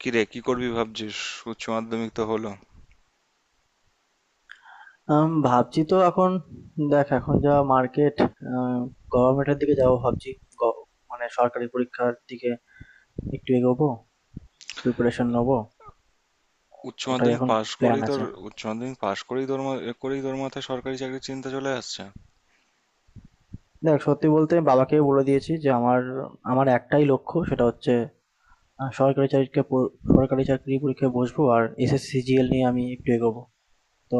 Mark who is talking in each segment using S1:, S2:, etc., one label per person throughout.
S1: কি রে, কি করবি ভাবছিস? উচ্চ মাধ্যমিক তো হলো।
S2: ভাবছি তো এখন। দেখ, এখন যা মার্কেট, গভর্নমেন্টের দিকে যাবো ভাবছি। গ- মানে সরকারি পরীক্ষার দিকে একটু এগোবো, প্রিপারেশন নেবো।
S1: উচ্চ
S2: ওটাই
S1: মাধ্যমিক
S2: এখন
S1: পাশ
S2: প্ল্যান
S1: করেই তোর
S2: আছে।
S1: উচ্চ মাধ্যমিক পাশ করেই তোর মা- করেই তোর মাথায় সরকারি চাকরির চিন্তা চলে আসছে?
S2: দেখ, সত্যি বলতে বাবাকে বলে দিয়েছি যে আমার আমার একটাই লক্ষ্য, সেটা হচ্ছে সরকারি সরকারি চাকরি পরীক্ষায় বসবো আর SSC GL নিয়ে আমি একটু এগোবো। তো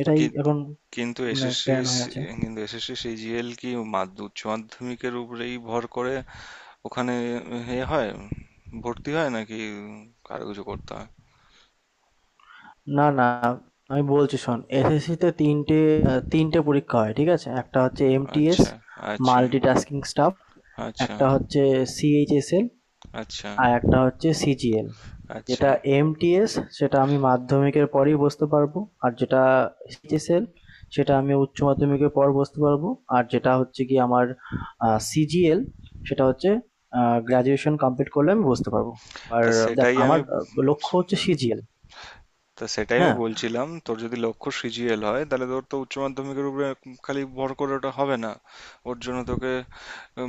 S2: এটাই
S1: কি-
S2: এখন
S1: কিন্তু
S2: মানে
S1: এসএসসি
S2: প্ল্যান হয়ে আছে।
S1: কিন্তু এসএসসি সিজিএল কি উচ্চ মাধ্যমিকের উপরেই ভর করে, ওখানে এ হয়, ভর্তি হয় নাকি আরো কিছু করতে হয়?
S2: না, না। আমি বলছি, শোন। SSC তে ৩ টে আ ৩ টে পরীক্ষা হয়, ঠিক আছে? একটা হচ্ছে MTS
S1: আচ্ছা। আচ্ছা।
S2: Multitasking Staff,
S1: আচ্ছা।
S2: একটা হচ্ছে CHSL,
S1: আচ্ছা।
S2: আর একটা হচ্ছে CGL।
S1: আচ্ছা।
S2: যেটা MTS, সেটা আমি মাধ্যমিকের পরেই বসতে পারবো। আর যেটা CHSL, সেটা আমি উচ্চ মাধ্যমিকের পর বসতে পারবো। আর যেটা হচ্ছে গিয়ে আমার CGL, সেটা হচ্ছে আ গ্র্যাজুয়েশন কমপ্লিট করলে আমি বসতে পারবো। আর
S1: তা
S2: দেখ
S1: সেটাই আমি
S2: আমার লক্ষ্য হচ্ছে CGL,
S1: তা সেটাই আমি
S2: হ্যাঁ?
S1: বলছিলাম, তোর যদি লক্ষ্য সিজিএল হয় তাহলে তোর তো উচ্চ মাধ্যমিকের উপরে খালি ভর করে ওটা হবে না। ওর জন্য তোকে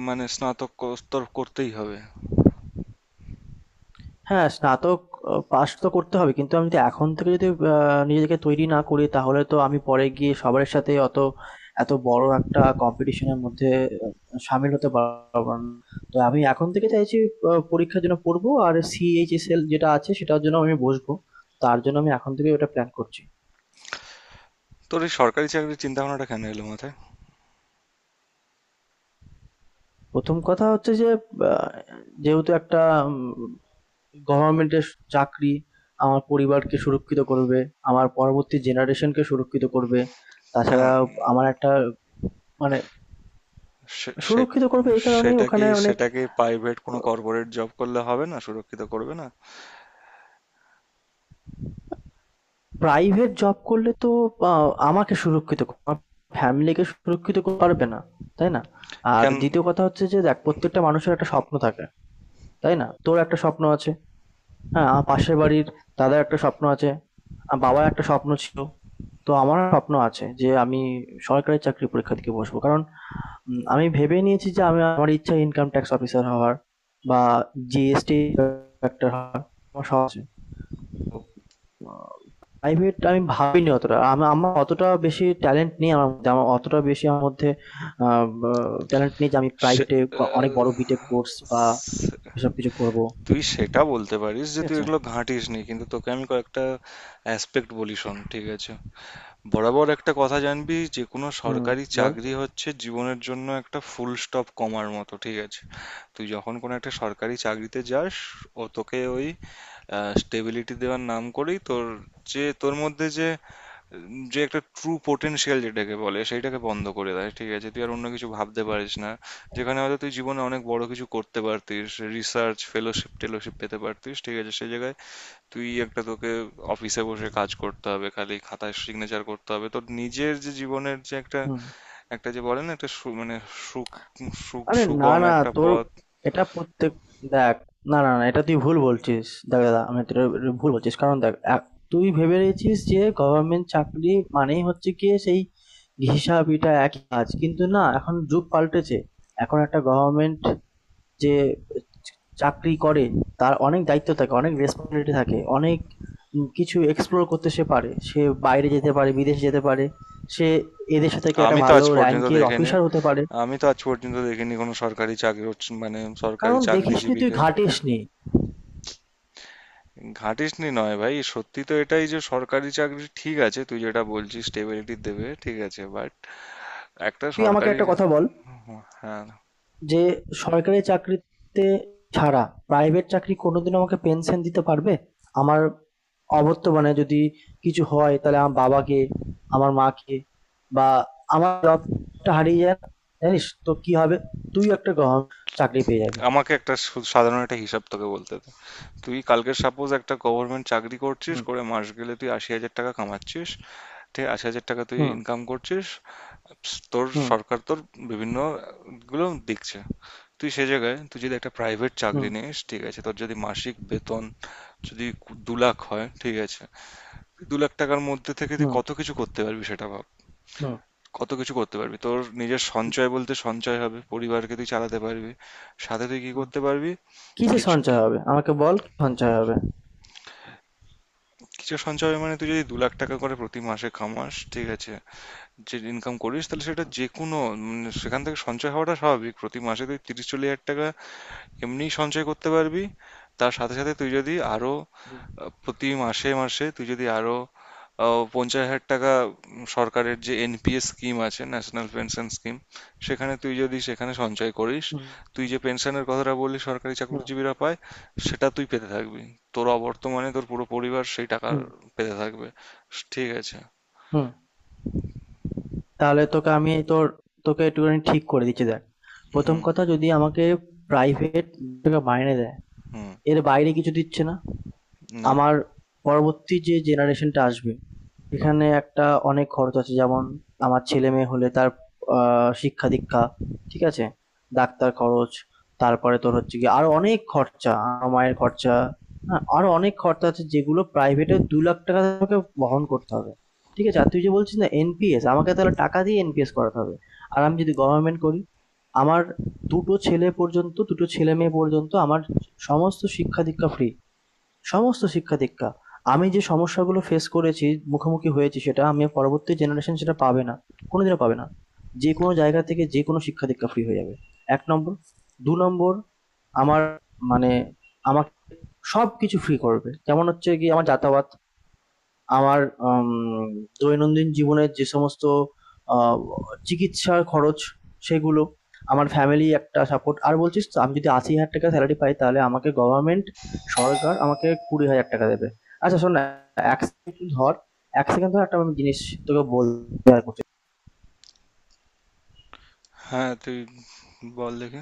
S1: মানে স্নাতক স্তর করতেই হবে।
S2: হ্যাঁ, স্নাতক পাস তো করতে হবে। কিন্তু আমি যদি এখন থেকে যদি আ নিজেকে তৈরি না করি তাহলে তো আমি পরে গিয়ে সবার সাথে অত এত বড় একটা কম্পিটিশন এর মধ্যে আ শামিল হতে পারব না। তো আমি এখন থেকে চাইছি পরীক্ষার জন্য পড়বো আর CHSL যেটা আছে সেটার জন্য আমি বসবো। তার জন্য আমি এখন থেকেই ওটা প্ল্যান করছি।
S1: তোর এই সরকারি চাকরির চিন্তা ভাবনাটা কেন এলো মাথায়?
S2: ১ম কথা হচ্ছে যে আ যেহেতু একটা উম গভর্নমেন্টের চাকরি আমার পরিবারকে সুরক্ষিত করবে, আমার পরবর্তী জেনারেশনকে সুরক্ষিত করবে। তাছাড়া
S1: কেন?
S2: আমার একটা মানে
S1: সে- সে-
S2: সুরক্ষিত করবে এই কারণেই
S1: সেটা কি,
S2: ওখানে অনেক।
S1: সেটাকে প্রাইভেট কোনো কর্পোরেট জব করলে হবে না, সুরক্ষিত করবে না?
S2: প্রাইভেট জব করলে তো আ আমাকে সুরক্ষিত ক আমার ফ্যামিলিকে সুরক্ষিত করতে পারবে না, তাই না? আর
S1: কেন?
S2: দ্বিতীয় কথা হচ্ছে যে দেখ প্রত্যেকটা মানুষের একটা স্বপ্ন থাকে, তাই না? তোর একটা স্বপ্ন আছে। হ্যাঁ, আমার পাশের বাড়ির দাদার একটা স্বপ্ন আছে। বাবার একটা স্বপ্ন ছিল। তো আমারও স্বপ্ন আছে যে আমি সরকারি চাকরির পরীক্ষা দিতে বসবো। কারণ আমি ভেবে নিয়েছি যে আমি আমার ইচ্ছা ইনকাম ট্যাক্স অফিসার হওয়ার বা GST ইন্সপেক্টর হওয়ার আমার শখ আছে। প্রাইভেট আমি ভাবিনি অতটা। আমার অতটা বেশি ট্যালেন্ট নেই আমার মধ্যে। আমার অতটা বেশি আমার মধ্যে আ বা ট্যালেন্ট নেই যে আমি
S1: সে-
S2: প্রাইভেটে অনেক
S1: আহ,
S2: বড় বিটেক কোর্স বা
S1: সে-
S2: এসব কিছু করবো।
S1: তুই সেটা বলতে পারিস যে
S2: ঠিক
S1: তুই
S2: আছে?
S1: এগুলো ঘাঁটিস নি, কিন্তু তোকে আমি কয়েকটা অ্যাসপেক্ট বলি, শোন, ঠিক আছে? বরাবর একটা কথা জানবি, যে কোনো
S2: হুম,
S1: সরকারি
S2: বল।
S1: চাকরি হচ্ছে জীবনের জন্য একটা ফুল স্টপ কমার মতো, ঠিক আছে? তুই যখন কোনো একটা সরকারি চাকরিতে যাস, ও তোকে ওই স্টেবিলিটি দেওয়ার নাম করেই তোর, যে তোর মধ্যে যে যে একটা ট্রু পোটেনশিয়াল যেটাকে বলে সেইটাকে বন্ধ করে দেয়, ঠিক আছে? তুই আর অন্য কিছু ভাবতে পারিস না, যেখানে হয়তো তুই জীবনে অনেক বড় কিছু করতে পারতিস, রিসার্চ ফেলোশিপ টেলোশিপ পেতে পারতিস, ঠিক আছে? সেই জায়গায় তুই একটা তোকে অফিসে বসে কাজ করতে হবে, খালি খাতায় সিগনেচার করতে হবে, তোর নিজের যে জীবনের যে একটা
S2: হুম।
S1: একটা যে বলে না, একটা সু- মানে সুখ সুখ-
S2: আরে, না
S1: সুগম
S2: না,
S1: একটা
S2: তোর
S1: পথ।
S2: এটা প্রত্যেক দেখ, না না না, এটা তুই ভুল বলছিস। দেখ দাদা, আমি তোর ভুল বলছিস কারণ দেখ, তুই ভেবে রেখেছিস যে গভর্নমেন্ট চাকরি মানেই হচ্ছে কি সেই হিসাব, এটা একই কাজ, কিন্তু না, এখন যুগ পাল্টেছে। এখন একটা গভর্নমেন্ট যে চ- চাকরি করে তার অনেক দায়িত্ব থাকে, অনেক রেসপন্সিবিলিটি থাকে, অনেক কিছু এক্সপ্লোর করতে সে পারে, সে বাইরে যেতে পারে, বিদেশে যেতে পারে, সে এদেশে থেকে একটা
S1: আমি তো
S2: ভালো
S1: আজ পর্যন্ত
S2: র্যাঙ্কের
S1: দেখিনি
S2: অফিসার হতে পারে।
S1: আমি তো আজ পর্যন্ত দেখিনি কোনো সরকারি চাকরি মানে সরকারি
S2: কারণ দেখিসনি তুই,
S1: চাকরিজীবীকে।
S2: ঘাটিসনি।
S1: ঘাঁটিসনি নয় ভাই, সত্যি তো এটাই যে সরকারি চাকরি, ঠিক আছে, তুই যেটা বলছিস স্টেবিলিটি দেবে, ঠিক আছে, বাট একটা
S2: তুই আমাকে
S1: সরকারি...
S2: একটা কথা বল,
S1: হ্যাঁ,
S2: যে সরকারি চাকরিতে ছাড়া প্রাইভেট চাকরি কোনোদিন আমাকে পেনশন দিতে পারবে? আমার অবর্তমানে যদি কিছু হয় তাহলে আমার বাবাকে, আমার মাকে, বা আমার জবটা হারিয়ে যায়, জানিস তো কি হবে? তুই একটা গভর্নমেন্ট চাকরি পেয়ে যাবি।
S1: আমাকে একটা সাধারণ একটা হিসাব তোকে বলতে দে। তুই কালকে সাপোজ একটা গভর্নমেন্ট চাকরি করছিস,
S2: হুম,
S1: করে মাস গেলে তুই ৮০,০০০ টাকা কামাচ্ছিস। ঠিক ৮০,০০০ টাকা তুই
S2: হুম,
S1: ইনকাম করছিস। তোর
S2: হুম,
S1: সরকার তোর বিভিন্ন গুলো দেখছে। তুই সে জায়গায়, তুই যদি একটা প্রাইভেট
S2: হুম,
S1: চাকরি নিস, ঠিক আছে, তোর যদি মাসিক বেতন যদি ২ লাখ হয়, ঠিক আছে, তুই ২ লাখ টাকার মধ্যে থেকে তুই
S2: হুম,
S1: কত কিছু করতে পারবি সেটা ভাব।
S2: হুম,
S1: কত কিছু করতে পারবি, তোর নিজের সঞ্চয় বলতে সঞ্চয় হবে, পরিবারকে তুই চালাতে পারবি, সাথে তুই কি
S2: হুম।
S1: করতে পারবি?
S2: কিসে
S1: কিছু,
S2: সঞ্চয় হবে, আমাকে বল, কি সঞ্চয় হবে?
S1: কিছু সঞ্চয়, মানে তুই যদি ২ লাখ টাকা করে প্রতি মাসে কামাস, ঠিক আছে, যে ইনকাম করিস, তাহলে সেটা যে কোনো, মানে সেখান থেকে সঞ্চয় হওয়াটা স্বাভাবিক, প্রতি মাসে তুই ৩০-৪০ হাজার টাকা এমনিই সঞ্চয় করতে পারবি। তার সাথে সাথে তুই যদি আরো
S2: হুম,
S1: প্রতি মাসে মাসে তুই যদি আরো ৫০ হাজার টাকা, সরকারের যে এনপিএস স্কিম আছে, ন্যাশনাল পেনশন স্কিম, সেখানে তুই যদি সেখানে সঞ্চয় করিস, তুই
S2: হুম,
S1: যে পেনশনের কথাটা বললি সরকারি
S2: হুম,
S1: চাকরিজীবীরা পায়, সেটা তুই পেতে থাকবি। তোর অবর্তমানে তোর পুরো পরিবার সেই টাকা
S2: হুম,
S1: পেতে থাকবে, ঠিক আছে?
S2: হুম। তাহলে তোকে আমি তোকে একটুখানি ঠিক করে দিচ্ছি, দেখ। প্রথম
S1: হুম।
S2: কথা, যদি আমাকে প্রাইভেট মাইনে দেয়,
S1: হুম।
S2: এর বাইরে কিছু দিচ্ছে না।
S1: না,
S2: আমার পরবর্তী যে জেনারেশনটা আসবে, এখানে একটা অনেক খরচ আছে, যেমন আমার ছেলেমেয়ে হলে তার শিক্ষা দীক্ষা, ঠিক আছে, ডাক্তার খরচ, তারপরে তোর হচ্ছে কি আরো অনেক খরচা, আমার মায়ের খরচা, হ্যাঁ, আরো অনেক খরচা আছে যেগুলো প্রাইভেটে ২ লাখ টাকা তোমাকে বহন করতে হবে। ঠিক আছে? আর তুই যে বলছিস না NPS, আমাকে তাহলে টাকা দিয়ে NPS করাতে হবে। আর আমি যদি গভর্নমেন্ট করি, আমার দুটো ছেলে পর্যন্ত, দুটো ছেলে মেয়ে পর্যন্ত আমার সমস্ত শিক্ষা দীক্ষা ফ্রি, সমস্ত শিক্ষা-দীক্ষা। আমি যে সমস্যাগুলো ফেস করেছি, মুখোমুখি হয়েছি, সেটা আমি পরবর্তী জেনারেশন সেটা পাবে না। কোনোদিনও পাবে না। যে কোনো জায়গা থেকে যে কোনো শিক্ষা-দীক্ষা ফ্রি হয়ে যাবে। ১ নম্বর। ২ নম্বর, আমার মানে আমাকে সবকিছু ফ্রি করবে। যেমন হচ্ছে গিয়ে আমার যাতায়াত, আমার আম দৈনন্দিন জীবনের যে সমস্ত আ চিকিৎসার খরচ, সেগুলো, আমার ফ্যামিলি একটা সাপোর্ট। আর বলছিস তো, আমি যদি ৳৮০,০০০ সেলারি পাই তাহলে আমাকে গভর্নমেন্ট, সরকার আমাকে ৳২০,০০০ দেবে। আচ্ছা শোন না, ১ সেকেন্ড ধর, ১ সেকেন্ড ধর, একটা আমি জিনিস তোকে বলতে শেয়ার করছি।
S1: হ্যাঁ, তুই বল দেখে।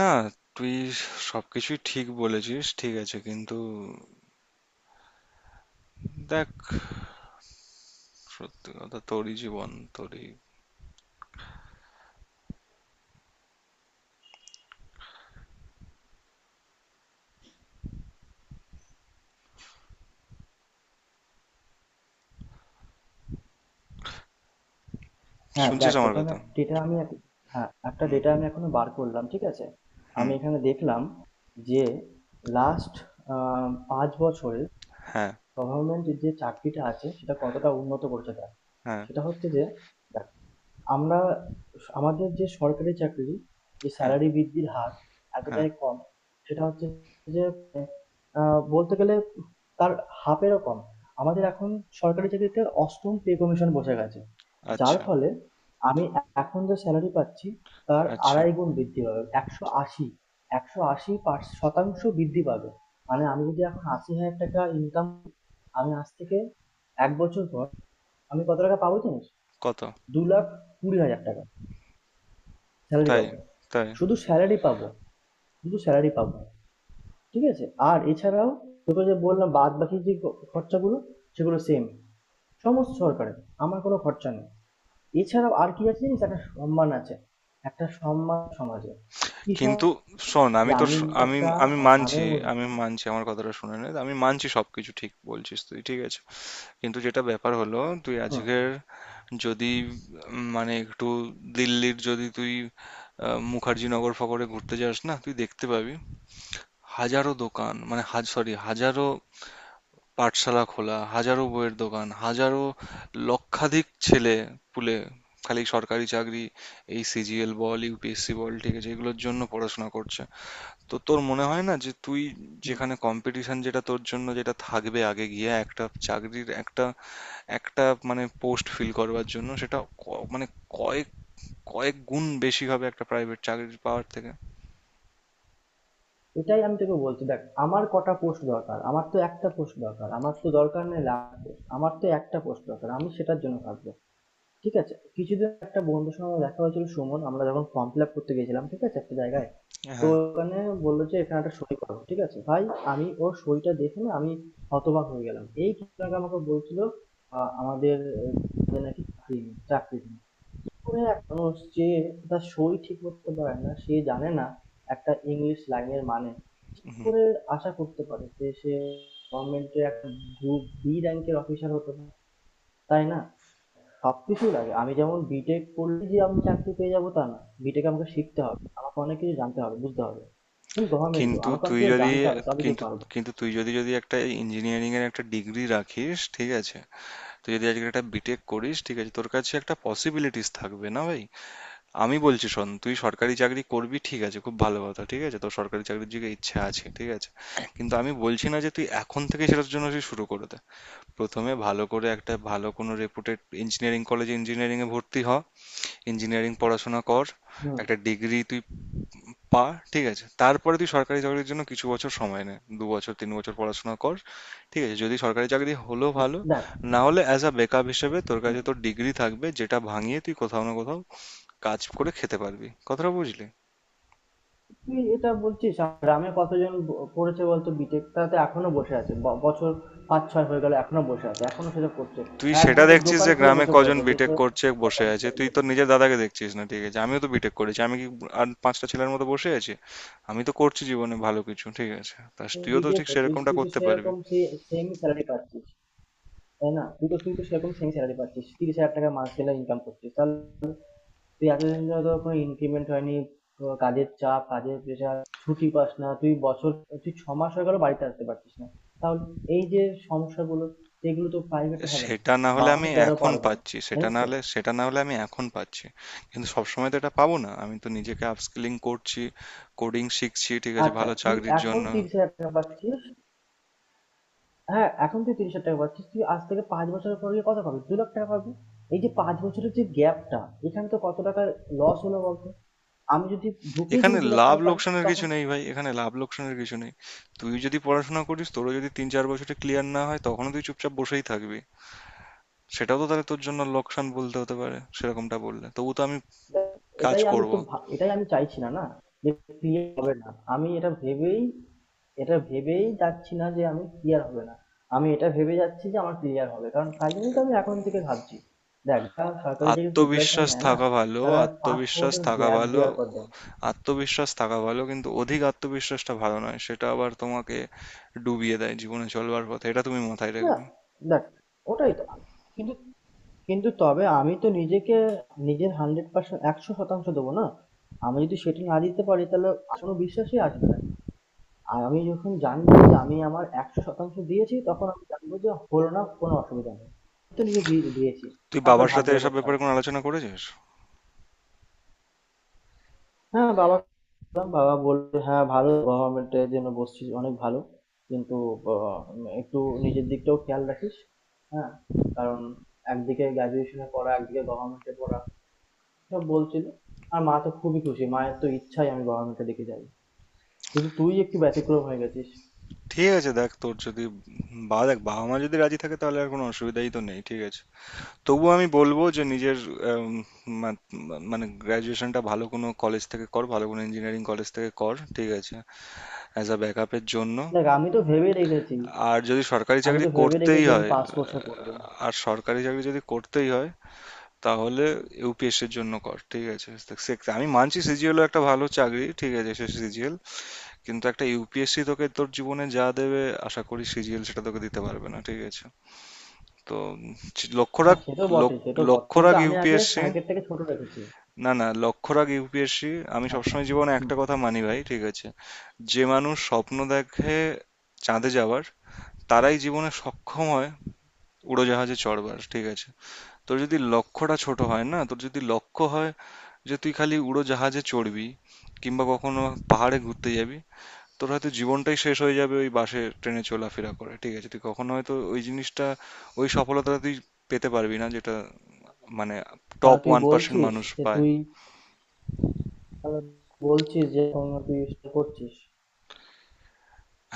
S1: না, তুই সবকিছুই ঠিক বলেছিস, ঠিক আছে, কিন্তু দেখ, সত্যি কথা তোরই জীবন, তোরই
S2: হ্যাঁ,
S1: শুনছিস
S2: দেখ
S1: আমার
S2: তোকে আমি
S1: কথা?
S2: একটা ডেটা আমি এখন, হ্যাঁ, একটা
S1: হুম।
S2: ডেটা আমি এখনো বার করলাম, ঠিক আছে? আমি
S1: হুম।
S2: এখানে দেখলাম যে লাস্ট আ ৫ বছরে
S1: হ্যাঁ।
S2: গভর্নমেন্ট যে চাকরিটা আছে সেটা কতটা উন্নত করেছে তারা।
S1: হ্যাঁ।
S2: সেটা হচ্ছে যে আমরা আমাদের যে সরকারি চাকরি, যে
S1: হ্যাঁ।
S2: স্যালারি বৃদ্ধির হার
S1: হ্যাঁ।
S2: এতটাই কম, সেটা হচ্ছে যে আ বলতে গেলে তার হাফ এরও কম। আমাদের এখন সরকারি চাকরিতে ৮ম পে কমিশন বসে গেছে। যার
S1: আচ্ছা।
S2: ফলে আমি এখন যে স্যালারি পাচ্ছি তার
S1: আচ্ছা।
S2: ২.৫ গুণ বৃদ্ধি পাবে। ১৮০ শতাংশ বৃদ্ধি পাবে। মানে আমি যদি এখন ৳৮০,০০০ ইনকাম, আমি আজ থেকে ১ বছর পর আমি কত টাকা পাবো জানিস?
S1: কত?
S2: ৳২,২০,০০০ স্যালারি
S1: তাই?
S2: পাবো,
S1: তাই?
S2: শুধু স্যালারি পাবো, শুধু স্যালারি পাবো। ঠিক আছে? আর এছাড়াও তোকে যে বললাম বাদ বাকি যে খরচাগুলো, সেগুলো সেম, সমস্ত সরকারের, আমার কোনো খরচা নেই। এছাড়াও আর কি আছে জানিস, একটা সম্মান আছে, একটা সম্মান সমাজে, কি
S1: কিন্তু
S2: সম-
S1: শোন,
S2: যে
S1: আমি তো
S2: আমি
S1: শ- আমি
S2: একটা
S1: আমি মানছি
S2: মানের
S1: আমি
S2: মধ্যে।
S1: মানছি, আমার কথাটা শুনে নে। আমি মানছি সবকিছু ঠিক বলছিস তুই, ঠিক আছে? কিন্তু যেটা ব্যাপার হলো, তুই আজকের
S2: হুম,
S1: যদি মানে একটু দিল্লির যদি তুই মুখার্জিনগর ফকরে ঘুরতে যাস না, তুই দেখতে পাবি হাজারো দোকান, মানে হাজারো পাঠশালা খোলা, হাজারো বইয়ের দোকান, হাজারো লক্ষাধিক ছেলে পুলে, খালি সরকারি চাকরি, এই সিজিএল বল, ইউপিএসসি বল, ঠিক আছে, এগুলোর জন্য পড়াশোনা করছে। তো তোর মনে হয় না যে তুই,
S2: হুম।
S1: যেখানে কম্পিটিশন যেটা তোর জন্য যেটা থাকবে আগে গিয়ে একটা চাকরির একটা একটা মানে পোস্ট ফিল করবার জন্য সেটা মানে কয়েক কয়েক গুণ বেশি হবে একটা প্রাইভেট চাকরি পাওয়ার থেকে?
S2: এটাই আমি তোকে বলছি, দেখ আমার কটা পোস্ট দরকার, আমার তো একটা পোস্ট দরকার, আমার তো দরকার নেই লাখ পোস্ট, আমার তো একটা পোস্ট দরকার, আমি সেটার জন্য কাজ করছি। ঠিক আছে, কিছুদিন একটা বন্ধুর সঙ্গে আমার দেখা হয়েছিল, সুমন, আমরা যখন ফর্ম ফিল আপ করতে গেছিলাম, ঠিক আছে, একটা জায়গায়, তো
S1: হ্যাঁ।
S2: ওখানে বললো যে এখানে একটা সই করো, ঠিক আছে ভাই। আমি ওর সইটা দেখে, না, আমি হতবাক হয়ে গেলাম। এই কিছুদিন আগে আমাকে বলছিল আমাদের আমাদের নাকি চাকরি নেই, চাকরি নেই করে, এক মানুষ যে তার সই ঠিক করতে পারে না, সে জানে না একটা ইংলিশ লাইনের মানে, কি
S1: হুম।
S2: করে আশা করতে পারে যে সে গভর্নমেন্টের একটা গ্রুপ বি র্যাঙ্কের অফিসার হতে পারে? তাই না? সব কিছুই লাগে, আমি যেমন বিটেক করলে যে আমি চাকরি পেয়ে যাবো তা না, বিটেক আমাকে শিখতে হবে, আমাকে অনেক কিছু জানতে হবে, বুঝতে হবে। সেম গভর্নমেন্টও
S1: কিন্তু
S2: আমাকে অনেক
S1: তুই
S2: কিছু
S1: যদি
S2: জানতে হবে, তবে কি
S1: কিন্তু
S2: পারবো।
S1: কিন্তু তুই যদি যদি একটা ইঞ্জিনিয়ারিং এর একটা ডিগ্রি রাখিস, ঠিক আছে, তুই যদি আজকে একটা বিটেক করিস, ঠিক আছে, তোর কাছে একটা পসিবিলিটিস থাকবে না ভাই। আমি বলছি শোন, তুই সরকারি চাকরি করবি, ঠিক আছে, খুব ভালো কথা, ঠিক আছে, তোর সরকারি চাকরির দিকে ইচ্ছা আছে, ঠিক আছে। কিন্তু আমি বলছি না যে তুই এখন থেকে সেটার জন্য তুই শুরু করে দে। প্রথমে ভালো করে একটা ভালো কোনো রেপুটেড ইঞ্জিনিয়ারিং কলেজে ইঞ্জিনিয়ারিং এ ভর্তি হ। ইঞ্জিনিয়ারিং পড়াশোনা কর,
S2: হুম,
S1: একটা ডিগ্রি তুই পা, ঠিক আছে? তারপরে তুই সরকারি চাকরির জন্য কিছু বছর সময় নে। ২ বছর ৩ বছর পড়াশোনা কর। ঠিক আছে? যদি সরকারি চাকরি হলো
S2: হুম,
S1: ভালো,
S2: দেখ,
S1: না হলে অ্যাজ আ ব্যাকআপ হিসেবে
S2: হুম,
S1: তোর কাছে
S2: হুম,
S1: তোর ডিগ্রি থাকবে যেটা ভাঙিয়ে তুই কোথাও না কোথাও কাজ করে খেতে পারবি। কথাটা বুঝলি?
S2: তুই এটা বলছিস, আমার গ্রামে কতজন করেছে বলতো বিটেক, তাতে এখনো বসে আছে, ৫-৬ বছর হয়ে গেল এখনো বসে আছে, এখনো সেটা করছে।
S1: তুই
S2: আর
S1: সেটা
S2: একজন তো
S1: দেখছিস
S2: দোকান
S1: যে
S2: খুলে
S1: গ্রামে
S2: বসে
S1: কজন
S2: পড়েছে যে
S1: বিটেক করছে বসে আছে। তুই তোর নিজের দাদাকে দেখছিস না, ঠিক আছে? আমিও তো বিটেক করেছি। আমি কি আর পাঁচটা ছেলের মতো বসে আছি? আমি তো করছি জীবনে ভালো কিছু, ঠিক আছে? তা
S2: সে
S1: তুইও তো
S2: বিটেক
S1: ঠিক
S2: করছিস।
S1: সেরকমটা
S2: তুই তো
S1: করতে পারবি।
S2: সেরকম সেই সেম স্যালারি পাচ্ছিস, তাই না? তুই তো সেরকম সেম স্যালারি পাচ্ছিস, ৩০,০০০ টাকা মাস গেলে ইনকাম করছিস, তাহলে তুই এতদিন ধরে তোর কোনো ইনক্রিমেন্ট হয়নি, তোর কাজের চাপ, কাজের প্রেশার, ছুটি পাস না তুই, বছর, তুই ৬ মাস হয়ে গেল বাড়িতে আসতে পারছিস না, তাহলে এই যে সমস্যাগুলো, এগুলো তো প্রাইভেটে হবে না।
S1: সেটা না হলে
S2: বাসে
S1: আমি
S2: তেরো
S1: এখন
S2: পারবো না,
S1: পাচ্ছি সেটা
S2: জানিস
S1: না
S2: তো।
S1: হলে সেটা না হলে আমি এখন পাচ্ছি, কিন্তু সবসময় তো এটা পাবো না। আমি তো নিজেকে আপস্কিলিং করছি, কোডিং শিখছি, ঠিক আছে,
S2: আচ্ছা,
S1: ভালো
S2: তুই
S1: চাকরির
S2: এখন
S1: জন্য।
S2: ৩০,০০০ টাকা পাচ্ছিস, হ্যাঁ, এখন তুই ৩০,০০০ টাকা পাচ্ছিস, তুই আজ থেকে ৫ বছরের পর গিয়ে কত পাবি, ২ লাখ টাকা পাবি। এই যে ৫ বছরের যে গ্যাপটা, এখানে তো কত টাকার লস হলো বলতো, আমি যদি ঢুকেই যদি দু লাখ টাকা পাই, তখন।
S1: এখানে লাভ লোকসানের কিছু নেই। তুই যদি পড়াশোনা করিস, তোরও যদি ৩-৪ বছরে ক্লিয়ার না হয়, তখনও তুই চুপচাপ বসেই থাকবি। সেটাও তো তাহলে তোর জন্য লোকসান বলতে হতে পারে সেরকমটা বললে, তবু তো আমি কাজ করব।
S2: এটাই আমি চাইছি, না না যে ক্লিয়ার হবে না, আমি এটা ভেবেই যাচ্ছি না যে আমি ক্লিয়ার হবে না, আমি এটা ভেবে যাচ্ছি যে আমার ক্লিয়ার হবে, কারণ তাই জন্যই তো আমি এখন থেকে ভাবছি। দেখ, যারা সরকারি চাকরির প্রিপারেশন
S1: আত্মবিশ্বাস
S2: নেয় না,
S1: থাকা ভালো,
S2: তারা পাঁচ ছ
S1: আত্মবিশ্বাস
S2: বছর
S1: থাকা
S2: গ্যাপ
S1: ভালো।
S2: দেওয়ার পর দেয়।
S1: আত্মবিশ্বাস থাকা ভালো, কিন্তু অধিক আত্মবিশ্বাসটা ভালো নয়। সেটা আবার তোমাকে ডুবিয়ে দেয় জীবনে চলবার পথে। এটা তুমি মাথায়
S2: না,
S1: রাখবে।
S2: দেখ, ওটাই তো, কিন্তু, কিন্তু তবে আমি তো নিজেকে, নিজের ১০০%, ১০০% দেবো না, আমি যদি সেটা না দিতে পারি তাহলে কোনো বিশ্বাসই আসবে না। আর আমি যখন জানবো যে আমি আমার ১০০% দিয়েছি, তখন আমি জানবো যে হলো না, কোনো অসুবিধা নেই। আমি তো নিজে দিয়ে দিয়েছি।
S1: তুই
S2: তারপরে
S1: বাবার সাথে
S2: ভাগ্যের উপর
S1: এসব ব্যাপারে
S2: ছাড়বো।
S1: কোনো আলোচনা করেছিস?
S2: হ্যাঁ, বাবাকে বললাম, বাবা বলল, "হ্যাঁ, ভালো, গভর্নমেন্ট এর জন্য বসছিস, অনেক ভালো। কিন্তু অ একটু নিজের দিকটাও খেয়াল রাখিস।" হ্যাঁ? কারণ একদিকে গ্র্যাজুয়েশনে পড়া, একদিকে গভর্নমেন্টে পড়া, এসব বলছিল। আর মা তো খুবই খুশি, মায়ের তো ইচ্ছাই আমি গভর্নমেন্টের দিকে যাই। শুধু তুই একটু ব্যতিক্রম হয়ে গেছিস।
S1: ঠিক আছে, দেখ তোর যদি, বা দেখ বাবা মা যদি রাজি থাকে তাহলে আর কোনো অসুবিধাই তো নেই, ঠিক আছে। তবুও আমি বলবো যে নিজের আম, মা- মানে গ্র্যাজুয়েশনটা ভালো কোনো কলেজ থেকে কর, ভালো কোনো ইঞ্জিনিয়ারিং কলেজ থেকে কর, ঠিক আছে, অ্যাজ আ ব্যাকআপের জন্য।
S2: দেখ, আমি তো ভেবেই রেখেছি,
S1: আর যদি সরকারি
S2: আমি
S1: চাকরি
S2: তো ভেবে
S1: করতেই
S2: রেখেছি আমি
S1: হয়,
S2: পাস কোর্সে পড়বো।
S1: আর সরকারি চাকরি যদি করতেই হয় তাহলে ইউপিএসসির জন্য কর, ঠিক আছে। আমি মানছি সিজিএল একটা ভালো চাকরি, ঠিক আছে, সে সিজিএল, কিন্তু একটা ইউপিএসসি তোকে তোর জীবনে যা দেবে, আশা করি সিজিএল সেটা তোকে দিতে পারবে না, ঠিক আছে। তো লক্ষ্য
S2: হ্যাঁ,
S1: রাখ
S2: সে তো বটে,
S1: লক-
S2: সে তো বটে,
S1: লক্ষ্য
S2: কিন্তু
S1: রাখ
S2: আমি আগে
S1: ইউপিএসসি।
S2: টার্গেটটাকে ছোট রেখেছি।
S1: না, না, লক্ষ্য রাখ ইউপিএসসি। আমি
S2: আচ্ছা।
S1: সবসময় জীবনে
S2: হুম।
S1: একটা কথা মানি ভাই, ঠিক আছে, যে মানুষ স্বপ্ন দেখে চাঁদে যাওয়ার, তারাই জীবনে সক্ষম হয় উড়োজাহাজে চড়বার, ঠিক আছে? তোর যদি লক্ষ্যটা ছোট হয় না, তোর যদি লক্ষ্য হয় যে তুই খালি উড়োজাহাজে চড়বি কিংবা কখনো পাহাড়ে ঘুরতে যাবি, তোর হয়তো জীবনটাই শেষ হয়ে যাবে ওই বাসে ট্রেনে চলাফেরা করে, ঠিক আছে, তুই কখনো হয়তো ওই সফলতাটা তুই পেতে পারবি না যেটা, মানে, টপ
S2: তাহলে তুই
S1: ১%
S2: বলছিস
S1: মানুষ
S2: যে
S1: পায়।
S2: তুই, তাহলে বলছিস যে এখন তুই সেটা করছিস।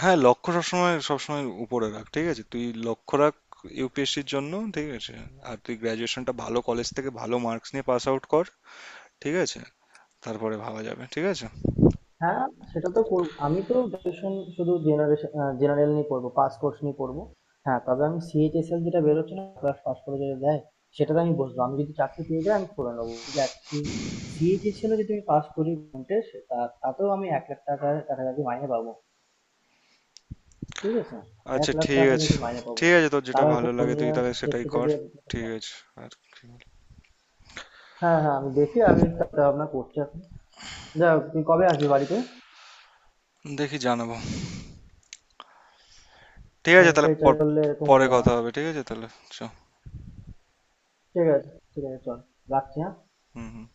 S1: হ্যাঁ, লক্ষ্য সবসময় সবসময় উপরে রাখ, ঠিক আছে, তুই লক্ষ্য রাখ ইউপিএসসির জন্য, ঠিক আছে। আর তুই গ্র্যাজুয়েশনটা ভালো কলেজ থেকে ভালো মার্কস নিয়ে পাস আউট কর, ঠিক আছে, তারপরে ভাবা যাবে, ঠিক আছে।
S2: হ্যাঁ, সেটা তো করব, আমি তো গ্রাজুয়েশন শুধু জেনারেল নিয়ে পড়বো, পাস কোর্স নিয়ে পড়বো। হ্যাঁ, তবে আমি CHSL যেটা বেরোচ্ছে না, ক্লাস পাস করে যেটা দেয়, সেটাতে আমি বসবো, আমি যদি চাকরি পেয়ে যাই আমি করে নেবো, দেখ। CHSL-ও যদি আমি পাস করি percentage, তা তাতেও আমি ১ লাখ টাকার কাছাকাছি মাইনে পাবো। ঠিক আছে?
S1: আচ্ছা,
S2: ১,০০,০০০ টাকা যদি মাইনে পাবো।
S1: ঠিক আছে, তোর যেটা
S2: তার উপর
S1: ভালো লাগে তুই
S2: জুনিয়র
S1: তাহলে সেটাই কর,
S2: সেক্রেটারি।
S1: ঠিক আছে। আর কি?
S2: হ্যাঁ হ্যাঁ, আমি দেখি, আমি চিন্তা ভাবনা করছি এখন। যাই হোক, তুই কবে আসবি বাড়িতে?
S1: দেখি জানাবো। ঠিক আছে তাহলে,
S2: সরকারি চাকরি করলে এরকম
S1: পরে
S2: হলো না।
S1: কথা হবে, ঠিক আছে তাহলে, চ।
S2: ঠিক আছে, ঠিক আছে, চল, রাখছি, হ্যাঁ?
S1: হুম হুম।